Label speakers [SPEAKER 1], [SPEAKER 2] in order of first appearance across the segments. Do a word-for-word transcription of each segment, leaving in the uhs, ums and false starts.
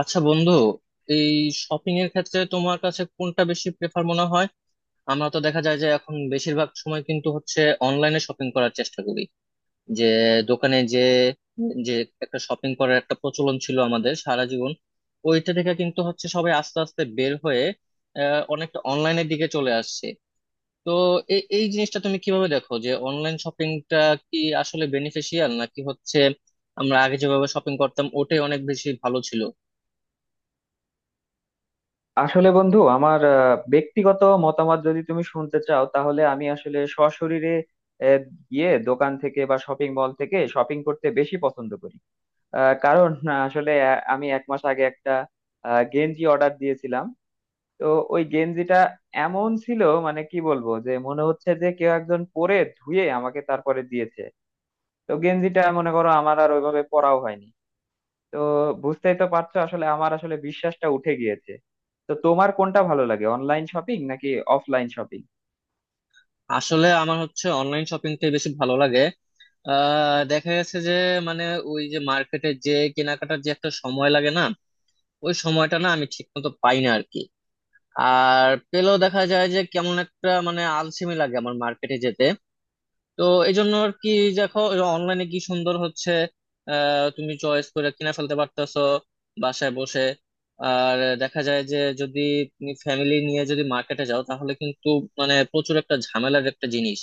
[SPEAKER 1] আচ্ছা বন্ধু, এই শপিং এর ক্ষেত্রে তোমার কাছে কোনটা বেশি প্রেফার মনে হয়? আমরা তো দেখা যায় যে এখন বেশিরভাগ সময় কিন্তু হচ্ছে অনলাইনে শপিং করার চেষ্টা করি। যে দোকানে যে যে একটা শপিং করার একটা প্রচলন ছিল আমাদের সারা জীবন, ওইটা থেকে কিন্তু হচ্ছে সবাই আস্তে আস্তে বের হয়ে আহ, অনেকটা অনলাইনের দিকে চলে আসছে। তো এই এই জিনিসটা তুমি কিভাবে দেখো, যে অনলাইন শপিংটা কি আসলে বেনিফিশিয়াল, নাকি হচ্ছে আমরা আগে যেভাবে শপিং করতাম ওটাই অনেক বেশি ভালো ছিল?
[SPEAKER 2] আসলে বন্ধু আমার আহ, ব্যক্তিগত মতামত যদি তুমি শুনতে চাও তাহলে আমি আসলে সশরীরে আহ, গিয়ে দোকান থেকে বা শপিং মল থেকে শপিং করতে বেশি পছন্দ করি। আহ, কারণ আহ, আসলে আহ, আমি এক মাস আগে একটা আহ, গেঞ্জি অর্ডার দিয়েছিলাম। তো ওই গেঞ্জিটা এমন ছিল মানে কি বলবো যে মনে হচ্ছে যে কেউ একজন পরে ধুয়ে আমাকে তারপরে দিয়েছে। তো গেঞ্জিটা মনে করো আমার আর ওইভাবে পরাও হয়নি। তো বুঝতেই তো পারছো আসলে আমার আসলে বিশ্বাসটা উঠে গিয়েছে। তো তোমার কোনটা ভালো লাগে, অনলাইন শপিং নাকি অফলাইন শপিং?
[SPEAKER 1] আসলে আমার হচ্ছে অনলাইন শপিংটাই বেশি ভালো লাগে। আহ, দেখা গেছে যে মানে ওই যে মার্কেটে যে কেনাকাটার যে একটা সময় লাগে না, ওই সময়টা না আমি ঠিক মতো পাই না আর কি। আর পেলেও দেখা যায় যে কেমন একটা মানে আলসেমি লাগে আমার মার্কেটে যেতে। তো এই জন্য আর কি। দেখো, অনলাইনে কি সুন্দর হচ্ছে, আহ তুমি চয়েস করে কিনে ফেলতে পারতেছো বাসায় বসে। আর দেখা যায় যে যদি তুমি ফ্যামিলি নিয়ে যদি মার্কেটে যাও তাহলে কিন্তু মানে প্রচুর একটা ঝামেলার একটা জিনিস।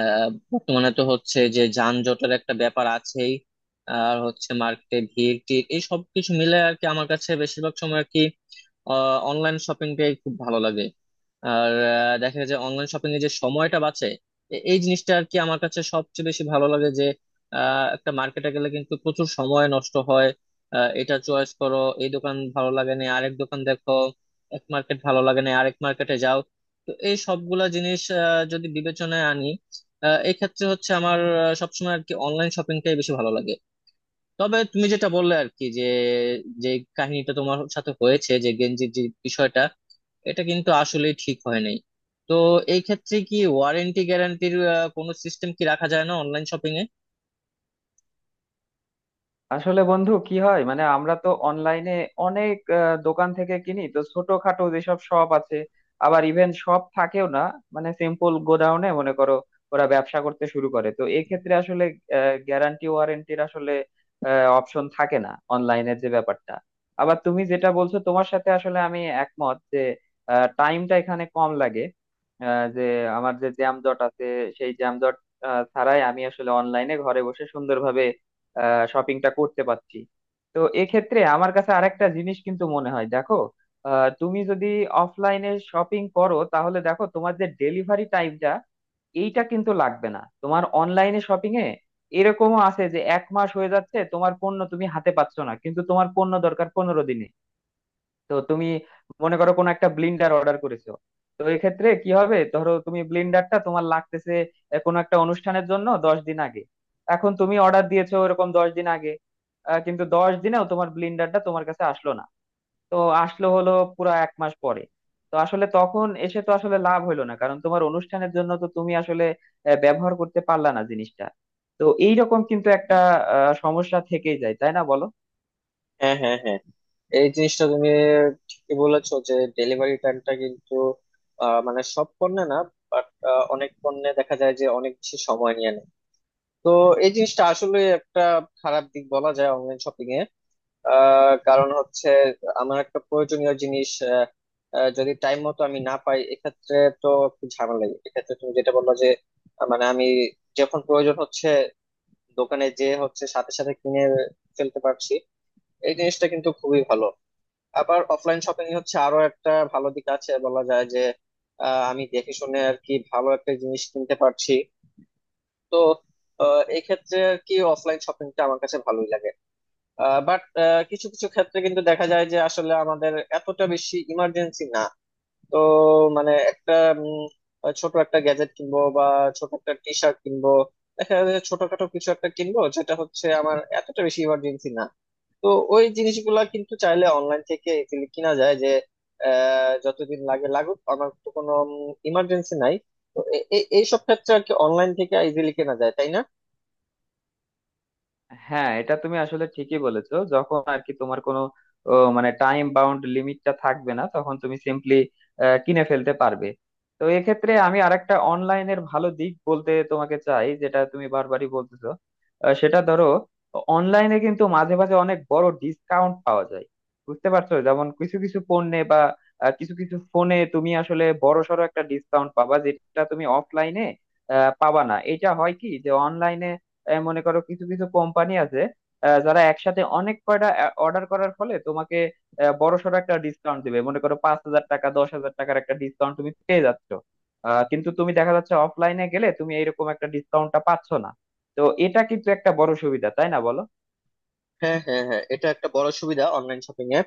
[SPEAKER 1] আহ, বর্তমানে তো হচ্ছে যে যানজটের একটা ব্যাপার আছেই, আর হচ্ছে মার্কেটে ভিড় টিড় এই সব কিছু মিলে আর কি আমার কাছে বেশিরভাগ সময় আর কি অনলাইন শপিংটাই খুব ভালো লাগে। আর আহ, দেখা যায় যে অনলাইন শপিং এ যে সময়টা বাঁচে, এ- এই জিনিসটা আর কি আমার কাছে সবচেয়ে বেশি ভালো লাগে। যে আহ, একটা মার্কেটে গেলে কিন্তু প্রচুর সময় নষ্ট হয়। আহ, এটা চয়েস করো, এই দোকান ভালো লাগে না আরেক দোকান দেখো, এক মার্কেট ভালো লাগে না আরেক মার্কেটে যাও। তো এই সবগুলা জিনিস আহ, যদি বিবেচনায় আনি, আহ, এই ক্ষেত্রে হচ্ছে আমার আহ, সবসময় আর কি অনলাইন শপিংটাই বেশি ভালো লাগে। তবে তুমি যেটা বললে আর কি, যে যে কাহিনীটা তোমার সাথে হয়েছে, যে গেঞ্জির যে বিষয়টা, এটা কিন্তু আসলে ঠিক হয় নাই। তো এই ক্ষেত্রে কি ওয়ারেন্টি গ্যারান্টির কোনো সিস্টেম কি রাখা যায় না অনলাইন শপিং এ?
[SPEAKER 2] আসলে বন্ধু কি হয় মানে আমরা তো অনলাইনে অনেক আহ, দোকান থেকে কিনি, তো ছোটখাটো যেসব শপ আছে আবার ইভেন শপ থাকেও না, মানে সিম্পল গোডাউনে মনে করো ওরা ব্যবসা করতে শুরু করে, তো এক্ষেত্রে আসলে গ্যারান্টি ওয়ারেন্টির আসলে অপশন থাকে না অনলাইনের যে ব্যাপারটা। আবার তুমি যেটা বলছো তোমার সাথে আসলে আমি একমত যে টাইমটা এখানে কম লাগে। আহ, যে আমার যে জ্যাম জট আছে সেই জ্যাম জট আহ, ছাড়াই আমি আসলে অনলাইনে ঘরে বসে সুন্দরভাবে শপিংটা করতে পারছি। তো এক্ষেত্রে আমার কাছে আরেকটা জিনিস কিন্তু মনে হয় দেখো, আহ, তুমি যদি অফলাইনে শপিং করো তাহলে দেখো তোমার যে ডেলিভারি টাইমটা এইটা কিন্তু লাগবে না তোমার অনলাইনে শপিং এ। এরকমও আছে যে এক মাস হয়ে যাচ্ছে তোমার পণ্য তুমি হাতে পাচ্ছ না, কিন্তু তোমার পণ্য দরকার পনেরো দিনে। তো তুমি মনে করো কোনো একটা ব্লিন্ডার অর্ডার করেছো, তো এক্ষেত্রে কি হবে, ধরো তুমি ব্লিন্ডারটা তোমার লাগতেছে আহ, কোনো একটা অনুষ্ঠানের জন্য দশ দিন আগে। এখন তুমি অর্ডার দিয়েছো ওরকম দশ দিন আগে, আহ, কিন্তু দশ দিনেও তোমার ব্লিন্ডারটা তোমার কাছে আসলো না। তো আসলো হলো পুরো এক মাস পরে। তো আসলে তখন এসে তো আসলে লাভ হইলো না, কারণ তোমার অনুষ্ঠানের জন্য তো তুমি আসলে আহ, ব্যবহার করতে পারলা না জিনিসটা। তো এইরকম কিন্তু একটা আহ, সমস্যা থেকেই যায়, তাই না বলো?
[SPEAKER 1] হ্যাঁ, হ্যাঁ, হ্যাঁ, এই জিনিসটা তুমি ঠিকই বলেছো যে ডেলিভারি টাইমটা কিন্তু, আহ, মানে সব পণ্যে না, বাট অনেক পণ্যে দেখা যায় যে অনেক বেশি সময় নিয়ে নেয়। তো এই জিনিসটা আসলে একটা খারাপ দিক বলা যায় অনলাইন শপিং এ। আহ, কারণ হচ্ছে আমার একটা প্রয়োজনীয় জিনিস আহ, আহ, যদি টাইম মতো আমি না পাই এক্ষেত্রে, তো একটু ঝামেলা। এক্ষেত্রে তুমি যেটা বললো যে আহ, মানে আমি যখন প্রয়োজন হচ্ছে দোকানে যে হচ্ছে সাথে সাথে কিনে ফেলতে পারছি, এই জিনিসটা কিন্তু খুবই ভালো। আবার অফলাইন শপিং হচ্ছে আরো একটা ভালো দিক আছে বলা যায় যে আহ, আমি দেখে শুনে আর কি ভালো একটা জিনিস কিনতে পারছি। তো আহ, এই ক্ষেত্রে আর কি অফলাইন শপিংটা আমার কাছে ভালোই লাগে। বাট কিছু কিছু ক্ষেত্রে কিন্তু দেখা যায় যে আসলে আমাদের এতটা বেশি ইমার্জেন্সি না। তো মানে একটা উম, ছোট একটা গ্যাজেট কিনবো, বা ছোট একটা টি শার্ট কিনবো, দেখা যায় যে ছোটখাটো কিছু একটা কিনবো যেটা হচ্ছে আমার এতটা বেশি ইমার্জেন্সি না। তো ওই জিনিসগুলা কিন্তু চাইলে অনলাইন থেকে easily কিনা যায়। যে আহ, যতদিন লাগে লাগুক, আমার তো কোনো ইমার্জেন্সি নাই। তো এই সব ক্ষেত্রে আর কি অনলাইন থেকে ইজিলি কেনা যায়, তাই না?
[SPEAKER 2] হ্যাঁ, এটা তুমি আসলে ঠিকই বলেছো, যখন আর কি তোমার কোনো ও, মানে টাইম বাউন্ড লিমিটটা থাকবে না তখন তুমি সিম্পলি কিনে ফেলতে পারবে। তো এক্ষেত্রে আমি আরেকটা অনলাইনের ভালো দিক বলতে তোমাকে চাই, যেটা তুমি বারবারই বলতেছো। আহ, সেটা ধরো অনলাইনে কিন্তু মাঝে মাঝে অনেক বড় ডিসকাউন্ট পাওয়া যায়। বুঝতে পারছো, যেমন কিছু কিছু পণ্যে বা আহ, কিছু কিছু ফোনে তুমি আসলে বড়সড় একটা ডিসকাউন্ট পাবা যেটা তুমি অফলাইনে পাবা না। এটা হয় কি যে অনলাইনে আহ, মনে করো কিছু কিছু কোম্পানি আছে আহ, যারা একসাথে অনেক কয়টা অর্ডার করার ফলে তোমাকে আহ, বড়সড় একটা ডিসকাউন্ট দিবে, মনে করো পাঁচ হাজার টাকা দশ হাজার টাকার একটা ডিসকাউন্ট তুমি পেয়ে যাচ্ছ। আহ, কিন্তু তুমি দেখা যাচ্ছে অফলাইনে গেলে তুমি এইরকম একটা ডিসকাউন্টটা পাচ্ছ না। তো এটা কিন্তু একটা বড় সুবিধা, তাই না বলো?
[SPEAKER 1] হ্যাঁ, হ্যাঁ, হ্যাঁ, এটা একটা বড় সুবিধা অনলাইন শপিং এ,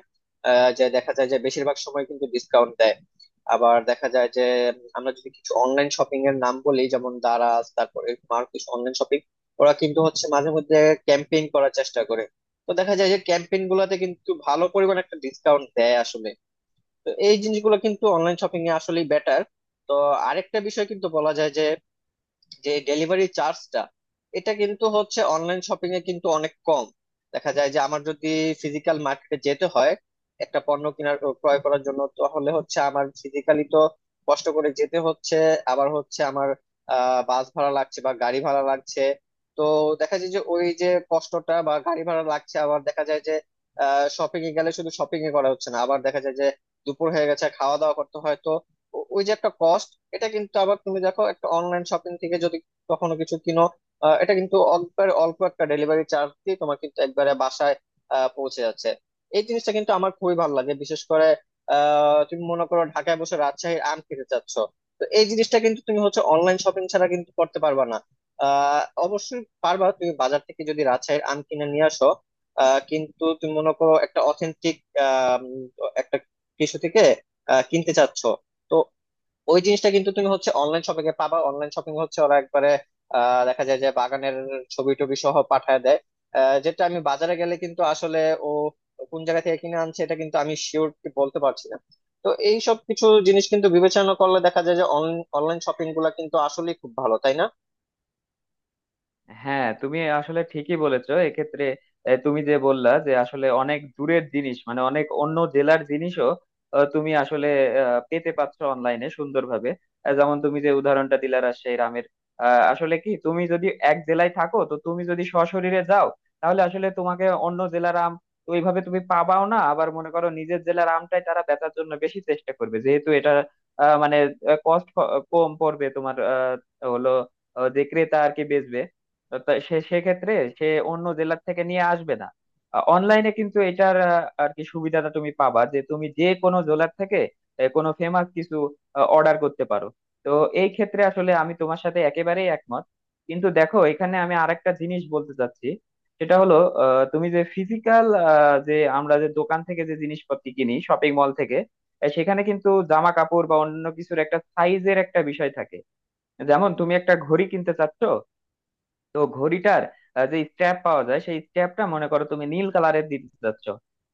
[SPEAKER 1] যে দেখা যায় যে বেশিরভাগ সময় কিন্তু ডিসকাউন্ট দেয়। আবার দেখা যায় যে আমরা যদি কিছু অনলাইন শপিং এর নাম বলি, যেমন দারাজ, তারপরে আর কিছু অনলাইন শপিং, ওরা কিন্তু হচ্ছে মাঝে মধ্যে ক্যাম্পেইন করার চেষ্টা করে। তো দেখা যায় যে ক্যাম্পেইন গুলাতে কিন্তু ভালো পরিমাণ একটা ডিসকাউন্ট দেয় আসলে। তো এই জিনিসগুলো কিন্তু অনলাইন শপিং এ আসলেই বেটার। তো আরেকটা বিষয় কিন্তু বলা যায় যে যে ডেলিভারি চার্জটা, এটা কিন্তু হচ্ছে অনলাইন শপিং এ কিন্তু অনেক কম। দেখা যায় যে আমার যদি ফিজিক্যাল মার্কেটে যেতে হয় একটা পণ্য কেনার ও ক্রয় করার জন্য, তাহলে হচ্ছে আমার ফিজিক্যালি তো কষ্ট করে যেতে হচ্ছে। আবার হচ্ছে আমার আহ বাস ভাড়া লাগছে বা গাড়ি ভাড়া লাগছে। তো দেখা যায় যে ওই যে কষ্টটা বা গাড়ি ভাড়া লাগছে, আবার দেখা যায় যে আহ শপিং এ গেলে শুধু শপিং এ করা হচ্ছে না, আবার দেখা যায় যে দুপুর হয়ে গেছে, খাওয়া দাওয়া করতে হয়। তো ও- ওই যে একটা কস্ট। এটা কিন্তু আবার তুমি দেখো, একটা অনলাইন শপিং থেকে যদি কখনো কিছু কিনো, আহ, এটা কিন্তু একবারে অল্প একটা ডেলিভারি চার্জ দিয়ে তোমার কিন্তু একবারে বাসায় আহ, পৌঁছে যাচ্ছে। এই জিনিসটা কিন্তু আমার খুবই ভালো লাগে। বিশেষ করে আহ, তুমি মনে করো ঢাকায় বসে রাজশাহীর আম খেতে চাচ্ছ, তো এই জিনিসটা কিন্তু তুমি হচ্ছে অনলাইন শপিং ছাড়া কিন্তু করতে পারবা না। আহ, অবশ্যই পারবা তুমি বাজার থেকে যদি রাজশাহীর আম কিনে নিয়ে আসো, আহ, কিন্তু তুমি মনে করো একটা অথেন্টিক একটা কিছু থেকে আহ, কিনতে চাচ্ছ, তো ওই জিনিসটা কিন্তু তুমি হচ্ছে অনলাইন শপিং এ পাবা। অনলাইন শপিং হচ্ছে ওরা একবারে আহ, দেখা যায় যে বাগানের ছবি টবি সহ পাঠায় দেয়, আহ, যেটা আমি বাজারে গেলে কিন্তু আসলে ও কোন জায়গা থেকে কিনে আনছে এটা কিন্তু আমি শিওর বলতে পারছি না। তো এই সব কিছু জিনিস কিন্তু বিবেচনা করলে দেখা যায় যে অনলাইন শপিং গুলা কিন্তু আসলেই খুব ভালো, তাই না?
[SPEAKER 2] হ্যাঁ, তুমি আসলে ঠিকই বলেছো এক্ষেত্রে। এ, তুমি যে বললা যে আসলে অনেক দূরের জিনিস মানে অনেক অন্য জেলার জিনিসও আহ, তুমি আসলে আহ, পেতে পাচ্ছ অনলাইনে সুন্দরভাবে। আহ, যেমন তুমি যে উদাহরণটা দিলা রাজশাহীর আমের, আহ, আসলে কি তুমি যদি এক জেলায় থাকো তো তুমি যদি সশরীরে যাও তাহলে আসলে তোমাকে অন্য জেলার আম ওইভাবে তুমি পাবাও না। আবার মনে করো নিজের জেলার আমটাই তারা বেচার জন্য বেশি চেষ্টা করবে যেহেতু এটা আহ, মানে কস্ট কম পড়বে তোমার। আহ, হলো আহ, যে ক্রেতা আর কি বেচবে তা সে সেক্ষেত্রে সে অন্য জেলার থেকে নিয়ে আসবে না। অনলাইনে কিন্তু এটার আহ, আর কি সুবিধাটা তুমি পাবা যে তুমি যে কোনো জেলার থেকে আহ, কোনো ফেমাস কিছু অর্ডার করতে পারো। তো এই ক্ষেত্রে আসলে আমি তোমার সাথে একেবারেই একমত। কিন্তু দেখো এখানে আমি আরেকটা জিনিস বলতে চাচ্ছি, সেটা হলো, আহ, তুমি যে ফিজিক্যাল যে আমরা যে দোকান থেকে যে জিনিসপত্র কিনি শপিং মল থেকে, আহ, সেখানে কিন্তু জামা কাপড় বা অন্য কিছুর একটা সাইজের একটা বিষয় থাকে। যেমন তুমি একটা ঘড়ি কিনতে চাচ্ছ, তো ঘড়িটার আহ, যে স্ট্র্যাপ পাওয়া যায় সেই স্ট্র্যাপটা মনে করো তুমি নীল কালারের দিতে চাচ্ছ,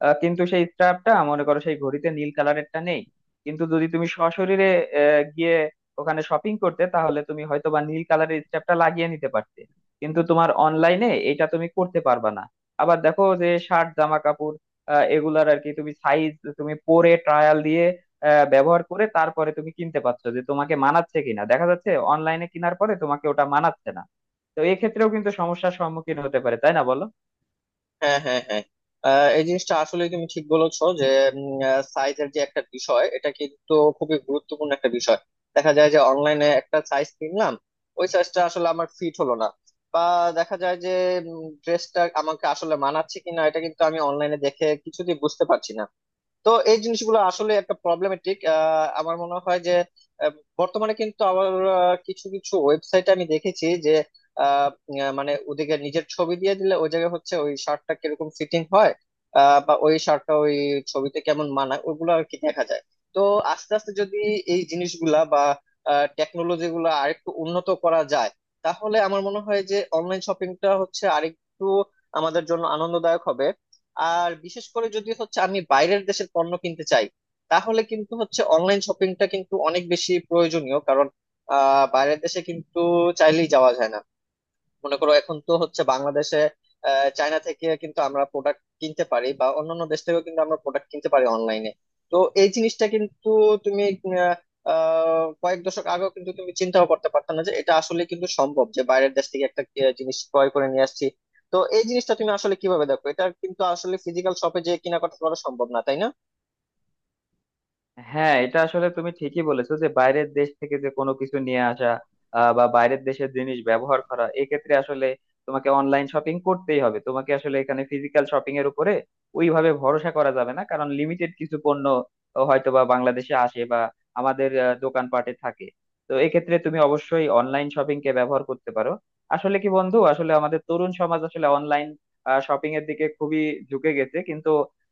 [SPEAKER 2] আহ, কিন্তু সেই স্ট্র্যাপটা মনে করো সেই ঘড়িতে নীল কালারেরটা নেই। কিন্তু যদি তুমি সশরীরে আহ, গিয়ে ওখানে শপিং করতে তাহলে তুমি হয়তো বা নীল কালারের স্ট্র্যাপটা লাগিয়ে নিতে পারতে। কিন্তু তোমার অনলাইনে এটা তুমি করতে পারবা না। আবার দেখো যে শার্ট জামা কাপড় আহ, এগুলার আর কি তুমি সাইজ তুমি পরে ট্রায়াল দিয়ে আহ, ব্যবহার করে তারপরে তুমি কিনতে পারছো যে তোমাকে মানাচ্ছে কিনা। দেখা যাচ্ছে অনলাইনে কেনার পরে তোমাকে ওটা মানাচ্ছে না। তো এক্ষেত্রেও কিন্তু সমস্যার সম্মুখীন হতে পারে, তাই না বলো?
[SPEAKER 1] হ্যাঁ, হ্যাঁ, হ্যাঁ, আহ, এই জিনিসটা আসলে তুমি ঠিক বলেছো, যে সাইজের যে একটা বিষয়, এটা কিন্তু খুবই গুরুত্বপূর্ণ একটা বিষয়। দেখা যায় যে অনলাইনে একটা সাইজ কিনলাম, ওই সাইজটা আসলে আমার ফিট হলো না, বা দেখা যায় যে ড্রেসটা আমাকে আসলে মানাচ্ছে কিনা এটা কিন্তু আমি অনলাইনে দেখে কিছুতেই বুঝতে পারছি না। তো এই জিনিসগুলো আসলে একটা প্রবলেমেটিক। আমার মনে হয় যে আহ, বর্তমানে কিন্তু আবার আহ, কিছু কিছু ওয়েবসাইট আমি দেখেছি যে আহ, উম, মানে ওদিকে নিজের ছবি দিয়ে দিলে ওই জায়গায় হচ্ছে ওই শার্টটা কিরকম ফিটিং হয়, আহ, বা ওই শার্টটা ওই ছবিতে কেমন মানায় ওগুলো আর কি দেখা যায়। তো আস্তে আস্তে যদি এই জিনিসগুলা বা টেকনোলজি গুলা আরেকটু উন্নত করা যায়, তাহলে আমার মনে হয় যে অনলাইন শপিংটা হচ্ছে আরেকটু আমাদের জন্য আনন্দদায়ক হবে। আর বিশেষ করে যদি হচ্ছে আমি বাইরের দেশের পণ্য কিনতে চাই, তাহলে কিন্তু হচ্ছে অনলাইন শপিংটা কিন্তু অনেক বেশি প্রয়োজনীয়। কারণ আহ বাইরের দেশে কিন্তু চাইলেই যাওয়া যায় না। মনে করো এখন তো হচ্ছে বাংলাদেশে আহ, চায়না থেকে কিন্তু আমরা প্রোডাক্ট কিনতে পারি, বা অন্যান্য দেশ থেকেও কিন্তু আমরা প্রোডাক্ট কিনতে পারি অনলাইনে। তো এই জিনিসটা কিন্তু তুমি আহ, আহ, কয়েক দশক আগেও কিন্তু তুমি চিন্তাও করতে পারতো না যে এটা আসলে কিন্তু সম্ভব, যে বাইরের দেশ থেকে একটা আহ, জিনিস ক্রয় করে নিয়ে আসছি। তো এই জিনিসটা তুমি আসলে কিভাবে দেখো, এটা কিন্তু আসলে ফিজিক্যাল শপে যে কিনা করতে করা সম্ভব না, তাই না?
[SPEAKER 2] হ্যাঁ, এটা আসলে তুমি ঠিকই বলেছো যে বাইরের দেশ থেকে যে কোনো কিছু নিয়ে আসা আহ, বা বাইরের দেশের জিনিস ব্যবহার করা, এক্ষেত্রে আসলে তোমাকে অনলাইন শপিং করতেই হবে। তোমাকে আসলে এখানে ফিজিক্যাল শপিং এর উপরে ওইভাবে ভরসা করা যাবে না, কারণ লিমিটেড কিছু পণ্য হয়তো বা বাংলাদেশে আসে বা আমাদের আহ, দোকানপাটে থাকে। তো এক্ষেত্রে তুমি অবশ্যই অনলাইন শপিং কে ব্যবহার করতে পারো। আসলে কি বন্ধু, আসলে আমাদের তরুণ সমাজ আসলে অনলাইন শপিং এর দিকে খুবই ঝুঁকে গেছে, কিন্তু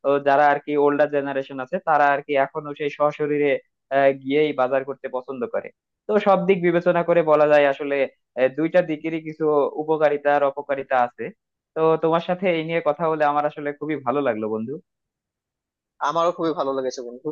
[SPEAKER 2] ও যারা আর কি ওল্ডার জেনারেশন আছে তারা আর কি এখনো সেই সশরীরে আহ, গিয়েই বাজার করতে পছন্দ করে। তো সব দিক বিবেচনা করে বলা যায় আসলে আহ, দুইটা দিকেরই কিছু উপকারিতা আর অপকারিতা আছে। তো তোমার সাথে এই নিয়ে কথা বলে আমার আসলে খুবই ভালো লাগলো বন্ধু।
[SPEAKER 1] আমারও খুবই ভালো লেগেছে বন্ধু।